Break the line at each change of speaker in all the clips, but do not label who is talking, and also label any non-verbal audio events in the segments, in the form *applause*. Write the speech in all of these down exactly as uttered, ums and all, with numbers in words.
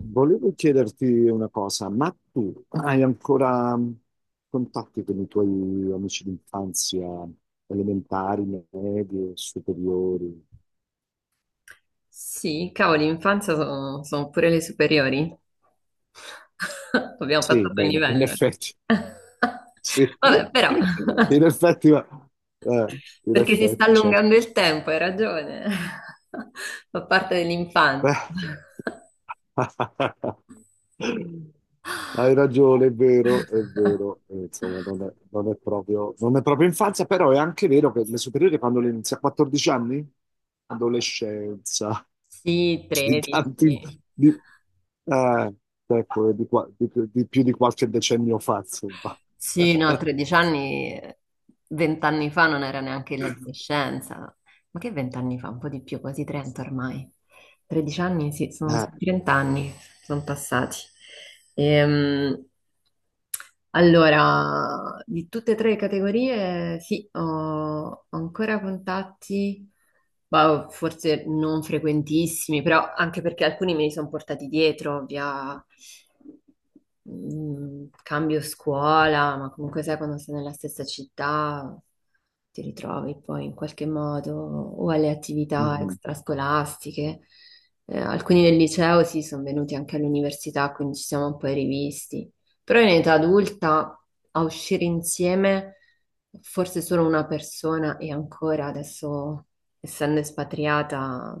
Volevo chiederti una cosa, ma tu hai ancora mm, contatti con i tuoi amici d'infanzia elementari, medie, superiori?
Sì, cavolo, l'infanzia sono, sono pure le superiori. *laughs* Abbiamo
Sì,
passato il
bene, in
livello.
effetti,
*laughs*
sì.
Vabbè, però,
*laughs* In effetti, ma- eh, in
perché si sta
effetti, certo.
allungando il tempo, hai ragione. *laughs* Fa parte dell'infanzia.
Beh, *laughs* hai ragione, è vero, è
*laughs*
vero. Eh, Insomma, non è, non è proprio, non è proprio infanzia, però è anche vero che le superiori quando le inizi a quattordici anni? Adolescenza,
Sì,
*laughs* di tanti,
tredici.
di, eh, ecco, di qua- di- di più di qualche decennio fa, insomma.
Sì, no,
*laughs*
tredici anni, vent'anni fa non era neanche l'adolescenza. Ma che vent'anni fa? Un po' di più, quasi trenta ormai. tredici anni, sì, sono
Eh,
trenta anni, sono passati. Ehm, allora, di tutte e tre le categorie, sì, ho ancora contatti, ma forse non frequentissimi, però anche perché alcuni me li sono portati dietro via mm, cambio scuola, ma comunque sai quando sei nella stessa città ti ritrovi poi in qualche modo o alle attività
mhm,
extrascolastiche. Eh, alcuni del liceo sì, sono venuti anche all'università, quindi ci siamo un po' rivisti. Però in età adulta a uscire insieme, forse solo una persona e ancora adesso, essendo espatriata,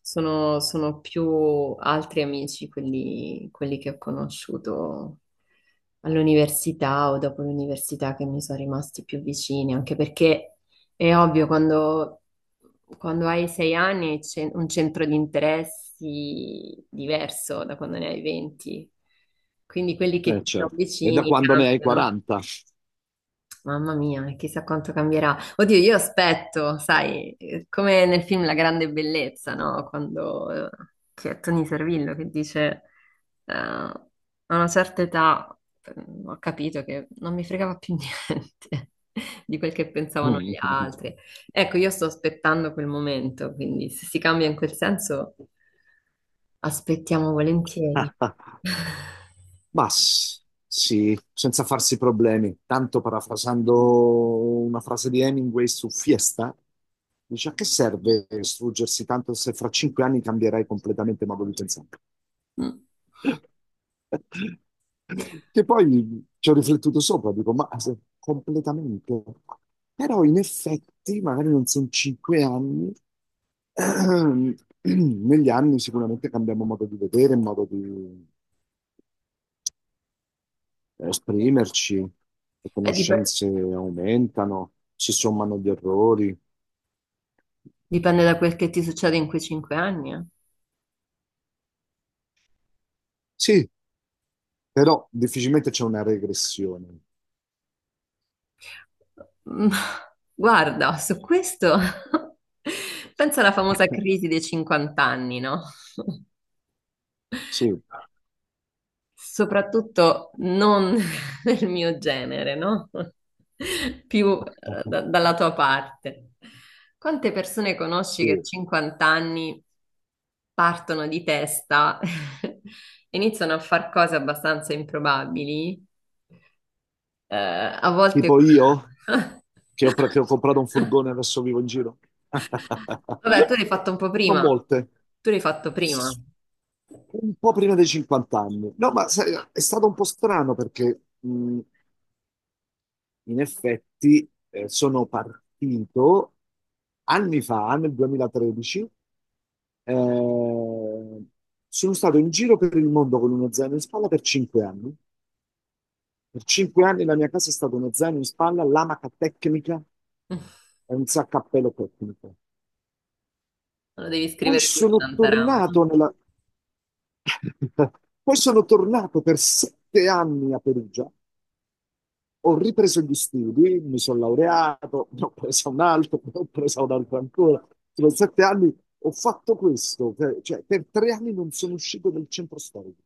sono, sono più altri amici quelli, quelli che ho conosciuto all'università o dopo l'università che mi sono rimasti più vicini, anche perché è ovvio quando quando hai sei anni hai ce- un centro di interessi diverso da quando ne hai venti. Quindi quelli che
eh,
ti sono
certo. E da
vicini
quando ne hai
cambiano.
quaranta?
Mamma mia, e chissà quanto cambierà. Oddio, io aspetto, sai, eh, come nel film La grande bellezza, no? Quando eh, c'è Tony Servillo che dice, eh, a una certa età eh, ho capito che non mi fregava più *laughs* niente di quel che pensavano gli
*laughs*
altri. Ecco, io sto aspettando quel momento, quindi se si cambia in quel senso, aspettiamo volentieri. *laughs*
Ma s- sì, senza farsi problemi. Tanto parafrasando una frase di Hemingway su Fiesta, dice a che serve struggersi tanto se fra cinque anni cambierai completamente modo di pensare.
Mm.
*laughs* Che poi ci ho riflettuto sopra, dico, ma se- completamente. Però in effetti, magari non sono cinque anni, *clears throat* negli anni sicuramente cambiamo modo di vedere, modo di esprimerci, le
Beh, dip-
conoscenze aumentano, si sommano gli errori.
dipende da quel che ti succede in quei cinque anni, eh.
Sì, però difficilmente c'è una regressione.
*laughs* Mm, Guarda, su questo *laughs* penso alla famosa
*laughs*
crisi dei cinquanta anni, no?
Sì,
Soprattutto non *laughs* nel mio genere, no? *laughs* Più eh, da-
*laughs*
dalla tua parte. Quante persone conosci che
sì.
a cinquanta anni partono di testa, *laughs* iniziano a fare cose abbastanza improbabili, eh, a volte...
Tipo io,
*laughs*
che ho, pre- che ho comprato un furgone e adesso vivo in giro.
Vabbè, tu
*laughs*
l'hai fatto un po'
Non
prima.
molte.
Tu l'hai fatto prima.
Un po' prima dei cinquanta anni. No, ma sai, è stato un po' strano perché mh, In effetti, eh, sono partito anni fa, nel duemilatredici, eh, sono stato in giro per il mondo con uno zaino in spalla per cinque anni. Per cinque anni la mia casa è stata uno zaino in spalla, l'amaca tecnica e un saccappello tecnico.
Lo devi
Poi
scrivere tu,
sono
Shantaram.
tornato nella. *laughs* Poi sono tornato per sette anni a Perugia. Ho ripreso gli studi, mi sono laureato, *laughs* ne ho preso un altro, ne ho preso un altro ancora. Sono sette anni, ho fatto questo, per- cioè per tre anni non sono uscito dal centro storico.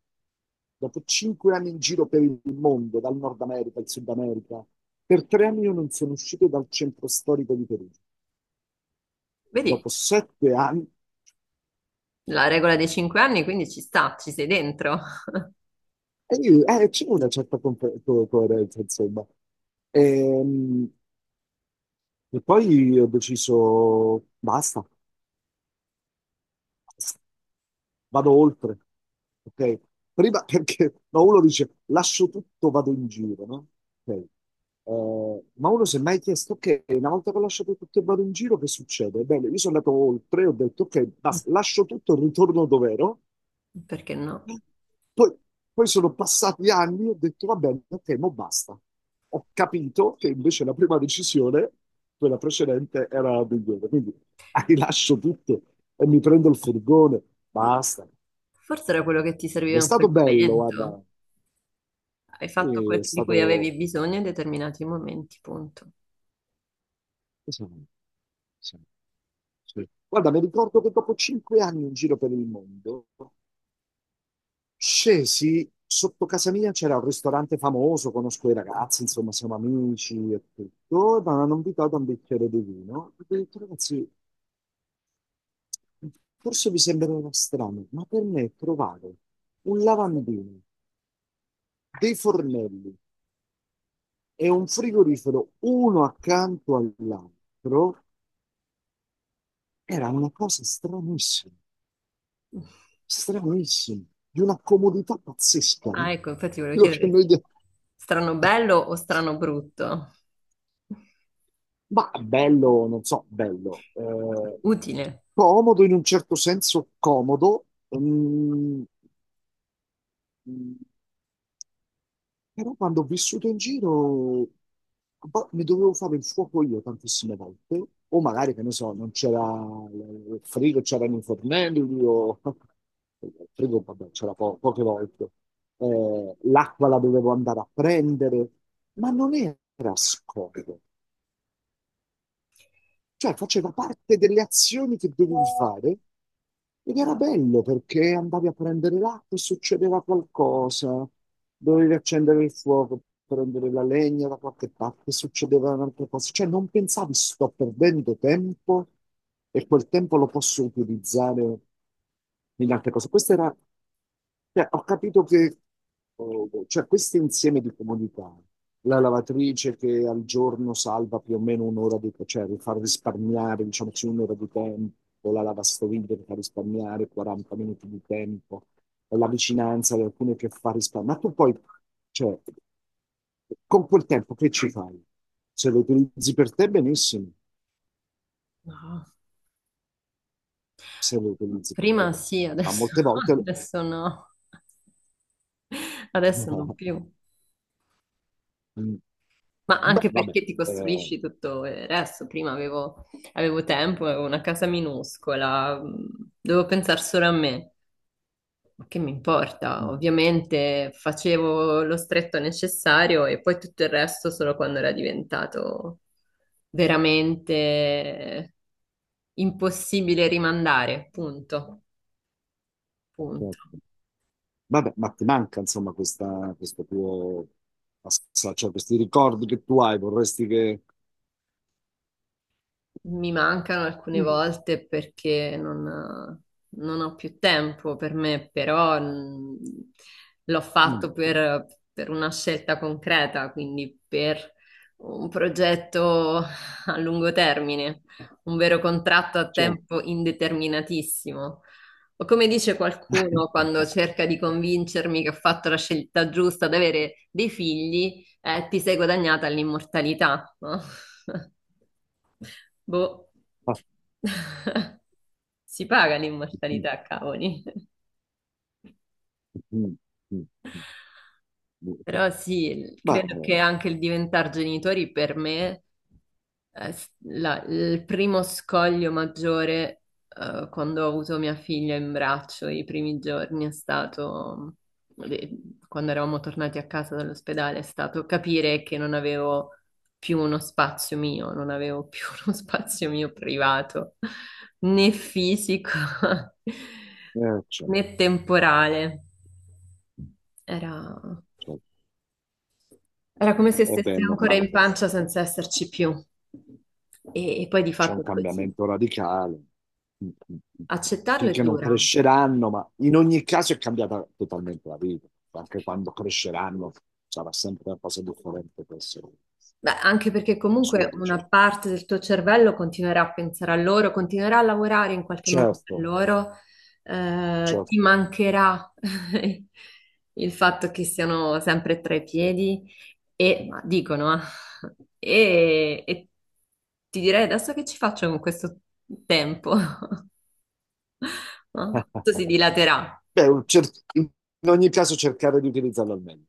Dopo cinque anni in giro per il mondo, dal Nord America al Sud America, per tre anni io non sono uscito dal centro storico di Perugia.
Vedi,
Dopo sette anni,
la regola dei cinque anni, quindi ci sta, ci sei dentro.
e io- eh, c'è una certa compe- co- coerenza, insomma. Ehm, E, poi ho deciso, basta. Vado oltre. Ok? Prima *laughs* perché no, uno dice lascio tutto, vado in giro, no? Ok. Eh, ma uno si è mai chiesto, ok, una volta che ho lasciato tutto e vado in giro, che succede? Bene, io sono andato oltre, ho detto, ok, basta, lascio tutto, ritorno dove ero.
Perché no?
Poi, poi sono passati anni e ho detto, va bene, ok, mo basta. Ho capito che invece la prima decisione, quella precedente, era la migliore. Quindi *laughs* ah, rilascio tutto e mi prendo il furgone, basta.
Forse era quello che ti
Ed
serviva
è
in quel
stato bello, guarda,
momento. Hai fatto
eh, è
quel di cui avevi
stato...
bisogno in determinati momenti, punto.
che sono- sono- sì. Guarda, mi ricordo che dopo cinque anni in giro per il mondo, scesi sotto casa mia, c'era un ristorante famoso, conosco i ragazzi, insomma, siamo amici e tutto, mi hanno invitato a un bicchiere di vino. Ho detto, ragazzi, forse vi sembrerà strano, ma per me trovare un lavandino, dei fornelli e un frigorifero uno accanto all'altro era una cosa stranissima. Stranissimo, di una comodità pazzesca,
Ah,
no?
ecco, infatti volevo
quello che
chiedere,
noi... de-
strano bello o strano brutto?
Ma bello, non so, bello. eh,
Utile.
comodo in un certo senso, comodo. mm, Però quando ho vissuto in giro boh, mi dovevo fare il fuoco io tantissime volte, o magari, che ne so, non c'era il frigo, c'erano i fornelli, o *laughs* il frigo, vabbè, c'era po- poche volte. Eh, l'acqua la dovevo andare a prendere, ma non era scomodo. Cioè, faceva parte delle azioni che dovevi fare ed era bello perché andavi a prendere l'acqua e succedeva qualcosa, dovevi accendere il fuoco, prendere la legna da qualche parte, succedeva un'altra cosa. Cioè, non pensavi sto perdendo tempo e quel tempo lo posso utilizzare in altre cose. Questo era, cioè, ho capito che, eh, cioè, questo insieme di comunità, la lavatrice che al giorno salva più o meno un'ora di cioè far risparmiare, diciamo così, un'ora di tempo, la lavastoviglie che fa risparmiare quaranta minuti di tempo, la vicinanza di alcune che fa risparmiare. Ma tu poi, cioè, con quel tempo che ci fai? Se lo utilizzi per te, benissimo,
No.
se lo utilizzi per te,
Prima sì,
ma
adesso,
molte
*laughs*
volte.
adesso no. Adesso non più.
*laughs*
Ma
Beh,
anche
vabbè,
perché ti
eh,
costruisci tutto il resto. Prima avevo, avevo tempo, avevo una casa minuscola, mh, dovevo pensare solo a me. Ma che mi importa?
mm,
Ovviamente facevo lo stretto necessario e poi tutto il resto solo quando era diventato veramente impossibile rimandare. Punto. Punto.
certo. Vabbè, ma ti manca insomma questa, questo tuo passaggio, cioè questi ricordi che tu hai, vorresti che.
Mi mancano alcune
Mm,
volte perché non, non ho più tempo per me, però mh, l'ho
mm,
fatto per, per una scelta concreta, quindi per un progetto a lungo termine, un vero contratto a
certo.
tempo indeterminatissimo. O come dice qualcuno quando
*laughs*
cerca di convincermi che ho fatto la scelta giusta ad avere dei figli, eh, ti sei guadagnata l'immortalità, no? *laughs* Boh. *laughs* Si paga l'immortalità, cavoli.
Mm, mm, mm. Mm.
Però sì,
Ma
credo che
eh,
anche il diventare genitori per me, eh, s- la- il primo scoglio maggiore, eh, quando ho avuto mia figlia in braccio i primi giorni è stato, le- quando eravamo tornati a casa dall'ospedale, è stato capire che non avevo più uno spazio mio, non avevo più *laughs* uno spazio mio privato, né fisico, *laughs*
eh, certo,
né temporale. Era...
certo.
Era come se
Eh beh, è
stesse ancora
normale,
in
che
pancia senza esserci più. E, e poi di
c'è
fatto
un
è così.
cambiamento radicale. Mm, mm, mm. Mm.
Accettarlo è
Finché non
dura.
cresceranno, ma in ogni caso è cambiata totalmente la vita. Anche quando cresceranno sarà sempre una cosa differente per essere
Beh, anche perché
suo,
comunque una
diciamo.
parte del tuo cervello continuerà a pensare a loro, continuerà a lavorare in qualche modo per
Certo,
loro, eh, ti
certo.
mancherà *laughs* il fatto che siano sempre tra i piedi e ma dicono, eh, e, e ti direi adesso che ci faccio con questo tempo? *laughs* No? Tutto si
*laughs*
dilaterà.
Beh, un cer- in ogni caso cercare di utilizzarlo al meglio.